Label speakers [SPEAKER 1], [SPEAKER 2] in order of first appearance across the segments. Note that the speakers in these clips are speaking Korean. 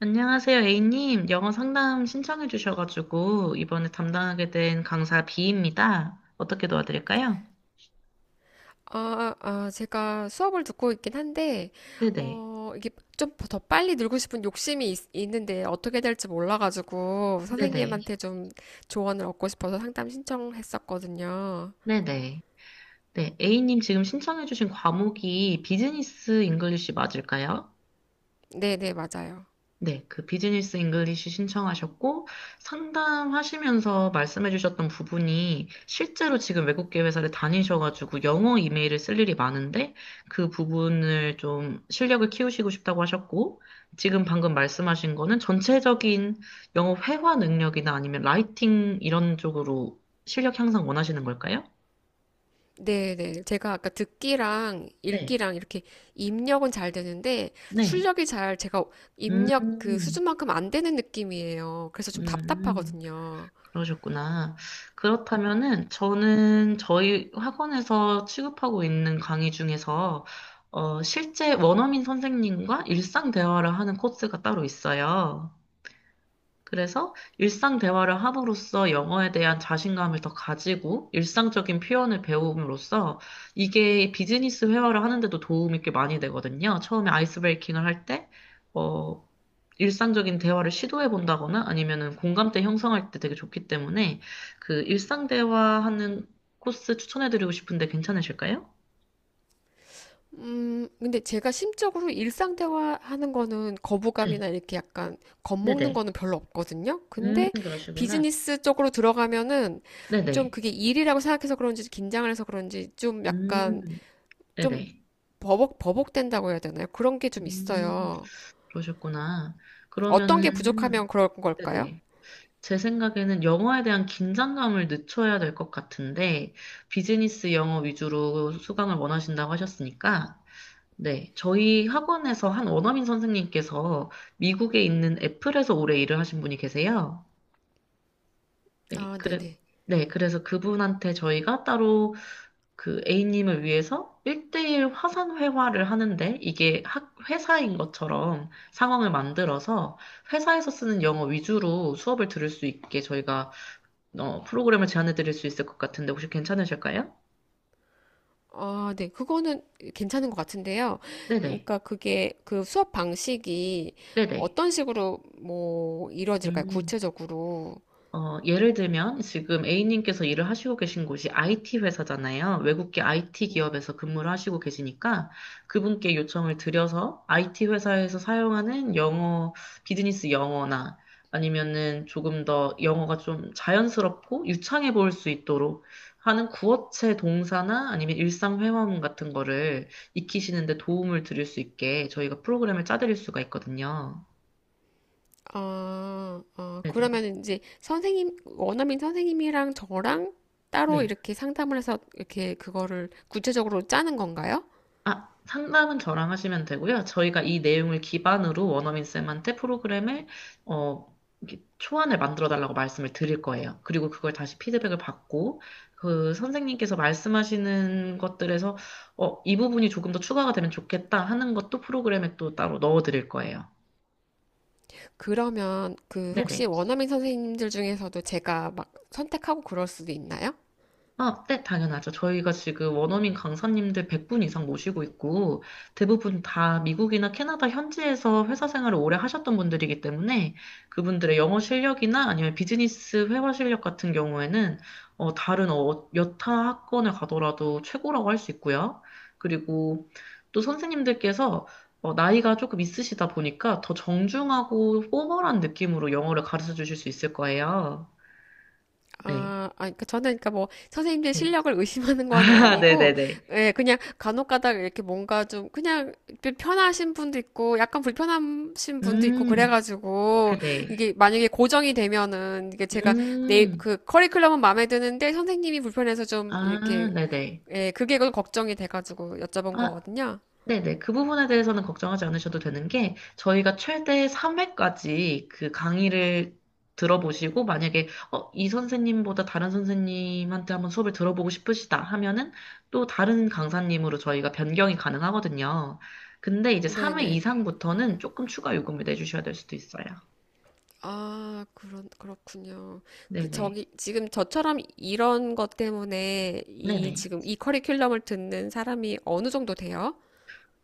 [SPEAKER 1] 안녕하세요, A님. 영어 상담 신청해 주셔가지고 이번에 담당하게 된 강사 B입니다. 어떻게 도와드릴까요?
[SPEAKER 2] 제가 수업을 듣고 있긴 한데,
[SPEAKER 1] 네네.
[SPEAKER 2] 이게 좀 더 빨리 늘고 싶은 욕심이 있는데 어떻게 될지 몰라가지고
[SPEAKER 1] 네네.
[SPEAKER 2] 선생님한테 좀 조언을 얻고 싶어서 상담 신청했었거든요.
[SPEAKER 1] 네네. 네, A님 지금 신청해 주신 과목이 비즈니스 잉글리시 맞을까요?
[SPEAKER 2] 네네, 맞아요.
[SPEAKER 1] 네, 그 비즈니스 잉글리시 신청하셨고 상담하시면서 말씀해 주셨던 부분이 실제로 지금 외국계 회사를 다니셔가지고 영어 이메일을 쓸 일이 많은데 그 부분을 좀 실력을 키우시고 싶다고 하셨고, 지금 방금 말씀하신 거는 전체적인 영어 회화 능력이나 아니면 라이팅 이런 쪽으로 실력 향상 원하시는 걸까요?
[SPEAKER 2] 네네. 제가 아까 듣기랑
[SPEAKER 1] 네.
[SPEAKER 2] 읽기랑 이렇게 입력은 잘 되는데
[SPEAKER 1] 네.
[SPEAKER 2] 출력이 잘 제가 입력 그
[SPEAKER 1] 음,
[SPEAKER 2] 수준만큼 안 되는 느낌이에요. 그래서 좀
[SPEAKER 1] 음.
[SPEAKER 2] 답답하거든요.
[SPEAKER 1] 그러셨구나. 그렇다면은 저는 저희 학원에서 취급하고 있는 강의 중에서 실제 원어민 선생님과 일상 대화를 하는 코스가 따로 있어요. 그래서 일상 대화를 함으로써 영어에 대한 자신감을 더 가지고 일상적인 표현을 배움으로써 이게 비즈니스 회화를 하는데도 도움이 꽤 많이 되거든요. 처음에 아이스 브레이킹을 할 때 어, 일상적인 대화를 시도해 본다거나 아니면은 공감대 형성할 때 되게 좋기 때문에 그 일상 대화하는 코스 추천해 드리고 싶은데 괜찮으실까요?
[SPEAKER 2] 근데 제가 심적으로 일상 대화하는 거는
[SPEAKER 1] 네,
[SPEAKER 2] 거부감이나 이렇게 약간 겁먹는
[SPEAKER 1] 네네.
[SPEAKER 2] 거는 별로 없거든요. 근데
[SPEAKER 1] 그러시구나.
[SPEAKER 2] 비즈니스 쪽으로 들어가면은 좀
[SPEAKER 1] 네네.
[SPEAKER 2] 그게 일이라고 생각해서 그런지 긴장을 해서 그런지 좀 약간
[SPEAKER 1] 음,
[SPEAKER 2] 좀
[SPEAKER 1] 네네.
[SPEAKER 2] 버벅된다고 해야 되나요? 그런 게 좀
[SPEAKER 1] 음.
[SPEAKER 2] 있어요.
[SPEAKER 1] 그러셨구나.
[SPEAKER 2] 어떤 게
[SPEAKER 1] 그러면은,
[SPEAKER 2] 부족하면 그럴 걸까요?
[SPEAKER 1] 네네. 제 생각에는 영어에 대한 긴장감을 늦춰야 될 것 같은데, 비즈니스 영어 위주로 수강을 원하신다고 하셨으니까, 네, 저희 학원에서 한 원어민 선생님께서 미국에 있는 애플에서 오래 일을 하신 분이 계세요. 네,
[SPEAKER 2] 아, 네네.
[SPEAKER 1] 네, 그래서 그분한테 저희가 따로 그 A님을 위해서 1대1 화상 회화를 하는데 이게 회사인 것처럼 상황을 만들어서 회사에서 쓰는 영어 위주로 수업을 들을 수 있게 저희가 프로그램을 제안해 드릴 수 있을 것 같은데 혹시 괜찮으실까요?
[SPEAKER 2] 아, 네. 그거는 괜찮은 것 같은데요.
[SPEAKER 1] 네네.
[SPEAKER 2] 그러니까 그게 그 수업 방식이
[SPEAKER 1] 네네.
[SPEAKER 2] 어떤 식으로 뭐 이루어질까요?
[SPEAKER 1] 음.
[SPEAKER 2] 구체적으로.
[SPEAKER 1] 예를 들면 지금 A님께서 일을 하시고 계신 곳이 IT 회사잖아요. 외국계 IT
[SPEAKER 2] 음,
[SPEAKER 1] 기업에서 근무를 하시고 계시니까 그분께 요청을 드려서 IT 회사에서 사용하는 영어, 비즈니스 영어나 아니면은 조금 더 영어가 좀 자연스럽고 유창해 보일 수 있도록 하는 구어체 동사나 아니면 일상 회화문 같은 거를 익히시는데 도움을 드릴 수 있게 저희가 프로그램을 짜드릴 수가 있거든요. 네네.
[SPEAKER 2] 그러면 이제 선생님, 원어민 선생님이랑 저랑 따로
[SPEAKER 1] 네.
[SPEAKER 2] 이렇게 상담을 해서 이렇게 그거를 구체적으로 짜는 건가요?
[SPEAKER 1] 아, 상담은 저랑 하시면 되고요. 저희가 이 내용을 기반으로 원어민 쌤한테 프로그램을 어, 이렇게 초안을 만들어 달라고 말씀을 드릴 거예요. 그리고 그걸 다시 피드백을 받고 그 선생님께서 말씀하시는 것들에서 이 부분이 조금 더 추가가 되면 좋겠다 하는 것도 프로그램에 또 따로 넣어 드릴 거예요.
[SPEAKER 2] 그러면 그 혹시
[SPEAKER 1] 네네.
[SPEAKER 2] 원어민 선생님들 중에서도 제가 막 선택하고 그럴 수도 있나요?
[SPEAKER 1] 아, 네, 당연하죠. 저희가 지금 원어민 강사님들 100분 이상 모시고 있고, 대부분 다 미국이나 캐나다 현지에서 회사 생활을 오래 하셨던 분들이기 때문에, 그분들의 영어 실력이나 아니면 비즈니스 회화 실력 같은 경우에는 여타 학원을 가더라도 최고라고 할 수 있고요. 그리고 또 선생님들께서 나이가 조금 있으시다 보니까 더 정중하고 포멀한 느낌으로 영어를 가르쳐 주실 수 있을 거예요. 네.
[SPEAKER 2] 그러니까 저는 그러니까 뭐 선생님들
[SPEAKER 1] 네.
[SPEAKER 2] 실력을 의심하는 건
[SPEAKER 1] 아,
[SPEAKER 2] 아니고,
[SPEAKER 1] 네네네.
[SPEAKER 2] 예, 그냥 간혹가다가 이렇게 뭔가 좀 그냥 편하신 분도 있고, 약간 불편하신 분도 있고
[SPEAKER 1] 음,
[SPEAKER 2] 그래가지고
[SPEAKER 1] 네네.
[SPEAKER 2] 이게 만약에 고정이 되면은 이게 제가 내
[SPEAKER 1] 음,
[SPEAKER 2] 그 커리큘럼은 마음에 드는데 선생님이 불편해서 좀
[SPEAKER 1] 아,
[SPEAKER 2] 이렇게
[SPEAKER 1] 네네.
[SPEAKER 2] 예, 그게 그 걱정이 돼가지고 여쭤본
[SPEAKER 1] 아,
[SPEAKER 2] 거거든요.
[SPEAKER 1] 네네. 그 부분에 대해서는 걱정하지 않으셔도 되는 게, 저희가 최대 3회까지 그 강의를 들어보시고, 만약에, 이 선생님보다 다른 선생님한테 한번 수업을 들어보고 싶으시다 하면은, 또 다른 강사님으로 저희가 변경이 가능하거든요. 근데 이제 3회
[SPEAKER 2] 네네.
[SPEAKER 1] 이상부터는 조금 추가 요금을 내주셔야 될 수도 있어요.
[SPEAKER 2] 아, 그렇군요. 그,
[SPEAKER 1] 네네.
[SPEAKER 2] 저기, 지금 저처럼 이런 것 때문에 이,
[SPEAKER 1] 네네.
[SPEAKER 2] 지금 이 커리큘럼을 듣는 사람이 어느 정도 돼요?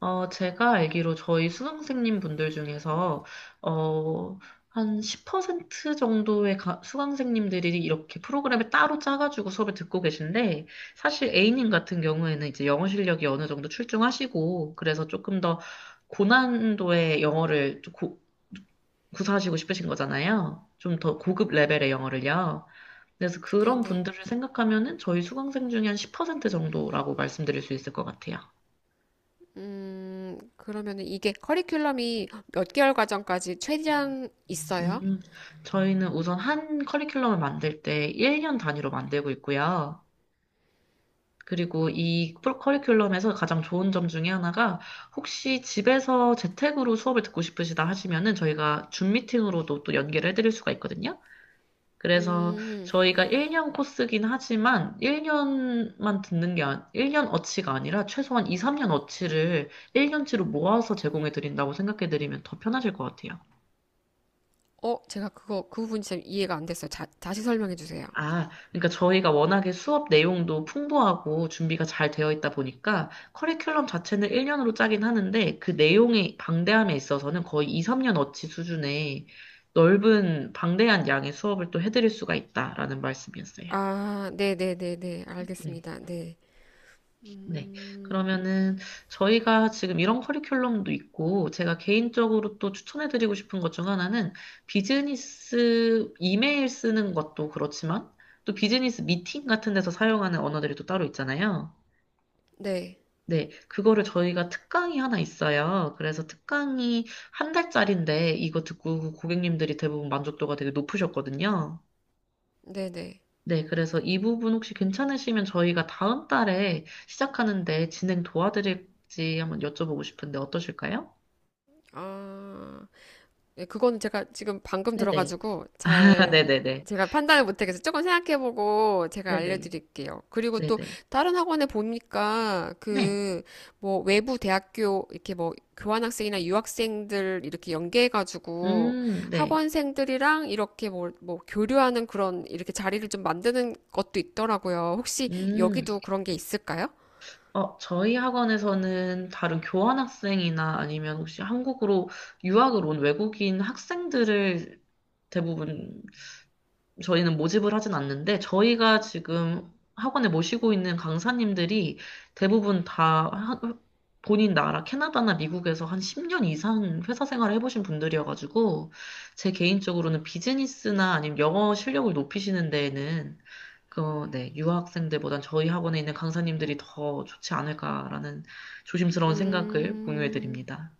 [SPEAKER 1] 제가 알기로 저희 수강생님 분들 중에서, 어, 한 10% 정도의 수강생님들이 이렇게 프로그램을 따로 짜가지고 수업을 듣고 계신데, 사실 A님 같은 경우에는 이제 영어 실력이 어느 정도 출중하시고, 그래서 조금 더 고난도의 영어를 좀 구사하시고 싶으신 거잖아요. 좀 더 고급 레벨의 영어를요. 그래서 그런
[SPEAKER 2] 네네.
[SPEAKER 1] 분들을 생각하면은 저희 수강생 중에 한 10% 정도라고 말씀드릴 수 있을 것 같아요.
[SPEAKER 2] 그러면 이게 커리큘럼이 몇 개월 과정까지 최대한 있어요?
[SPEAKER 1] 음, 저희는 우선 한 커리큘럼을 만들 때 1년 단위로 만들고 있고요. 그리고 이 커리큘럼에서 가장 좋은 점 중에 하나가 혹시 집에서 재택으로 수업을 듣고 싶으시다 하시면은 저희가 줌 미팅으로도 또 연계를 해드릴 수가 있거든요. 그래서
[SPEAKER 2] 음,
[SPEAKER 1] 저희가 1년 코스긴 하지만 1년만 듣는 게, 아, 1년 어치가 아니라 최소한 2, 3년 어치를 1년치로 모아서 제공해 드린다고 생각해 드리면 더 편하실 것 같아요.
[SPEAKER 2] 어, 제가 그 부분이 참 이해가 안 됐어요. 자, 다시 설명해 주세요.
[SPEAKER 1] 아, 그러니까 저희가 워낙에 수업 내용도 풍부하고 준비가 잘 되어 있다 보니까 커리큘럼 자체는 1년으로 짜긴 하는데 그 내용의 방대함에 있어서는 거의 2, 3년어치 수준의 넓은 방대한 양의 수업을 또 해드릴 수가 있다라는 말씀이었어요.
[SPEAKER 2] 아, 네네네네.
[SPEAKER 1] 네.
[SPEAKER 2] 알겠습니다. 네.
[SPEAKER 1] 네.
[SPEAKER 2] 음,
[SPEAKER 1] 그러면은 저희가 지금 이런 커리큘럼도 있고 제가 개인적으로 또 추천해드리고 싶은 것 중 하나는 비즈니스 이메일 쓰는 것도 그렇지만 또 비즈니스 미팅 같은 데서 사용하는 언어들이 또 따로 있잖아요.
[SPEAKER 2] 네.
[SPEAKER 1] 네. 그거를 저희가 특강이 하나 있어요. 그래서 특강이 한 달짜린데 이거 듣고 그 고객님들이 대부분 만족도가 되게 높으셨거든요.
[SPEAKER 2] 네네.
[SPEAKER 1] 네, 그래서 이 부분 혹시 괜찮으시면 저희가 다음 달에 시작하는데 진행 도와드릴지 한번 여쭤보고 싶은데 어떠실까요?
[SPEAKER 2] 아. 예, 그거는 제가 지금 방금
[SPEAKER 1] 네네.
[SPEAKER 2] 들어가지고
[SPEAKER 1] 아,
[SPEAKER 2] 잘
[SPEAKER 1] 네네네.
[SPEAKER 2] 제가 판단을 못하겠어요. 조금 생각해보고 제가
[SPEAKER 1] 네네.
[SPEAKER 2] 알려드릴게요. 그리고 또
[SPEAKER 1] 네네.
[SPEAKER 2] 다른 학원에 보니까
[SPEAKER 1] 네.
[SPEAKER 2] 그 뭐 외부 대학교 이렇게 뭐 교환학생이나 유학생들 이렇게 연계해가지고
[SPEAKER 1] 네.
[SPEAKER 2] 학원생들이랑 이렇게 뭐 교류하는 그런 이렇게 자리를 좀 만드는 것도 있더라고요. 혹시
[SPEAKER 1] 음,
[SPEAKER 2] 여기도 그런 게 있을까요?
[SPEAKER 1] 저희 학원에서는 다른 교환학생이나 아니면 혹시 한국으로 유학을 온 외국인 학생들을 대부분 저희는 모집을 하진 않는데, 저희가 지금 학원에 모시고 있는 강사님들이 대부분 다 본인 나라 캐나다나 미국에서 한 10년 이상 회사 생활을 해보신 분들이어가지고 제 개인적으로는 비즈니스나 아니면 영어 실력을 높이시는 데에는 네, 유학생들보단 저희 학원에 있는 강사님들이 더 좋지 않을까라는 조심스러운 생각을 공유해
[SPEAKER 2] 음,
[SPEAKER 1] 드립니다.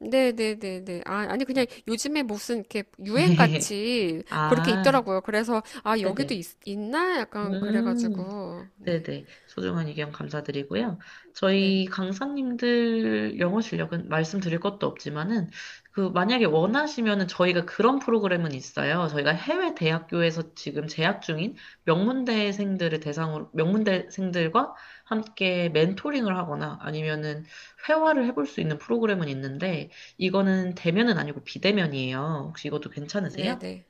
[SPEAKER 2] 네네네네. 아, 아니, 그냥 요즘에 무슨 이렇게 유행같이 그렇게
[SPEAKER 1] 아,
[SPEAKER 2] 있더라고요. 그래서, 아, 여기도
[SPEAKER 1] 네네.
[SPEAKER 2] 있나? 약간
[SPEAKER 1] 음.
[SPEAKER 2] 그래가지고, 네.
[SPEAKER 1] 네네. 소중한 의견 감사드리고요.
[SPEAKER 2] 네.
[SPEAKER 1] 저희 강사님들 영어 실력은 말씀드릴 것도 없지만은, 만약에 원하시면은 저희가 그런 프로그램은 있어요. 저희가 해외 대학교에서 지금 재학 중인 명문대생들을 대상으로, 명문대생들과 함께 멘토링을 하거나 아니면은 회화를 해볼 수 있는 프로그램은 있는데, 이거는 대면은 아니고 비대면이에요. 혹시 이것도 괜찮으세요?
[SPEAKER 2] 네네.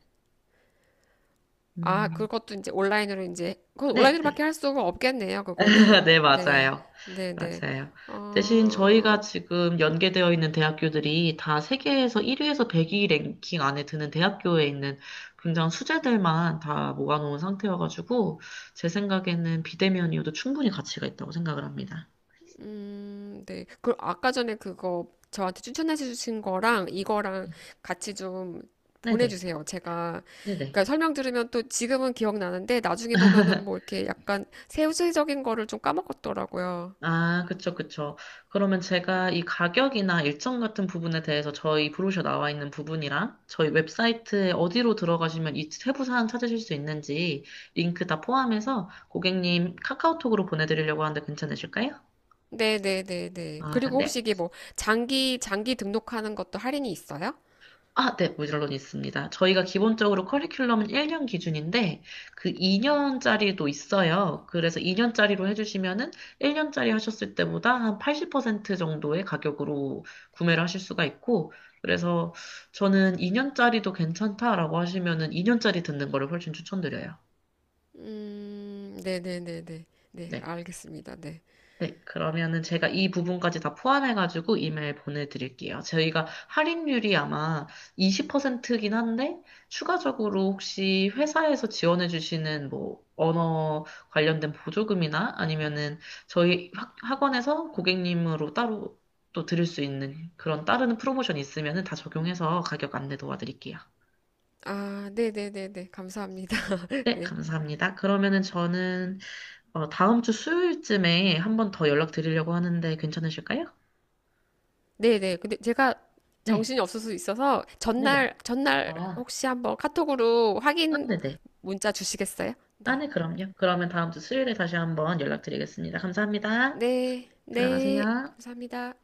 [SPEAKER 2] 아,
[SPEAKER 1] 음,
[SPEAKER 2] 그것도 이제 온라인으로 이제, 그건
[SPEAKER 1] 네,
[SPEAKER 2] 온라인으로밖에
[SPEAKER 1] 네.
[SPEAKER 2] 할 수가 없겠네요. 그거는.
[SPEAKER 1] 네,
[SPEAKER 2] 네.
[SPEAKER 1] 맞아요.
[SPEAKER 2] 네네.
[SPEAKER 1] 맞아요. 대신 저희가
[SPEAKER 2] 어,
[SPEAKER 1] 지금 연계되어 있는 대학교들이 다 세계에서 1위에서 100위 랭킹 안에 드는 대학교에 있는 굉장한 수재들만 다 모아놓은 상태여가지고, 제 생각에는 비대면이어도 충분히 가치가 있다고 생각을 합니다.
[SPEAKER 2] 네. 그럼 아까 전에 그거 저한테 추천해 주신 거랑 이거랑 같이 좀
[SPEAKER 1] 네네.
[SPEAKER 2] 보내주세요. 제가,
[SPEAKER 1] 네네.
[SPEAKER 2] 그러니까 설명 들으면 또 지금은 기억나는데 나중에 보면은 뭐 이렇게 약간 세부적인 거를 좀 까먹었더라고요.
[SPEAKER 1] 아, 그쵸, 그쵸. 그러면 제가 이 가격이나 일정 같은 부분에 대해서 저희 브로셔 나와 있는 부분이랑 저희 웹사이트에 어디로 들어가시면 이 세부 사항 찾으실 수 있는지 링크 다 포함해서 고객님 카카오톡으로 보내드리려고 하는데 괜찮으실까요?
[SPEAKER 2] 네네네네.
[SPEAKER 1] 아,
[SPEAKER 2] 그리고 혹시
[SPEAKER 1] 네.
[SPEAKER 2] 이게 뭐 장기 등록하는 것도 할인이 있어요?
[SPEAKER 1] 아, 네, 물론 있습니다. 저희가 기본적으로 커리큘럼은 1년 기준인데, 그 2년짜리도 있어요. 그래서 2년짜리로 해주시면은 1년짜리 하셨을 때보다 한 80% 정도의 가격으로 구매를 하실 수가 있고, 그래서 저는 2년짜리도 괜찮다라고 하시면은 2년짜리 듣는 거를 훨씬 추천드려요.
[SPEAKER 2] 네네네네. 네, 네, 네. 네,
[SPEAKER 1] 네.
[SPEAKER 2] 알겠습니다. 네.
[SPEAKER 1] 네, 그러면은 제가 이 부분까지 다 포함해가지고 이메일 보내드릴게요. 저희가 할인율이 아마 20%긴 한데, 추가적으로 혹시 회사에서 지원해주시는 뭐, 언어 관련된 보조금이나 아니면은 저희 학원에서 고객님으로 따로 또 드릴 수 있는 그런 따르는 프로모션이 있으면은 다 적용해서 가격 안내 도와드릴게요.
[SPEAKER 2] 아, 네네네네. 감사합니다.
[SPEAKER 1] 네,
[SPEAKER 2] 네.
[SPEAKER 1] 감사합니다. 그러면은 저는 다음 주 수요일쯤에 한번 더 연락드리려고 하는데 괜찮으실까요?
[SPEAKER 2] 네네. 근데 제가
[SPEAKER 1] 네.
[SPEAKER 2] 정신이 없을 수 있어서
[SPEAKER 1] 네네.
[SPEAKER 2] 전날
[SPEAKER 1] 아,
[SPEAKER 2] 혹시 한번 카톡으로
[SPEAKER 1] 아,
[SPEAKER 2] 확인
[SPEAKER 1] 네네.
[SPEAKER 2] 문자 주시겠어요?
[SPEAKER 1] 아,
[SPEAKER 2] 네.
[SPEAKER 1] 네, 그럼요. 그러면 다음 주 수요일에 다시 한번 연락드리겠습니다. 감사합니다.
[SPEAKER 2] 네. 네.
[SPEAKER 1] 들어가세요.
[SPEAKER 2] 감사합니다.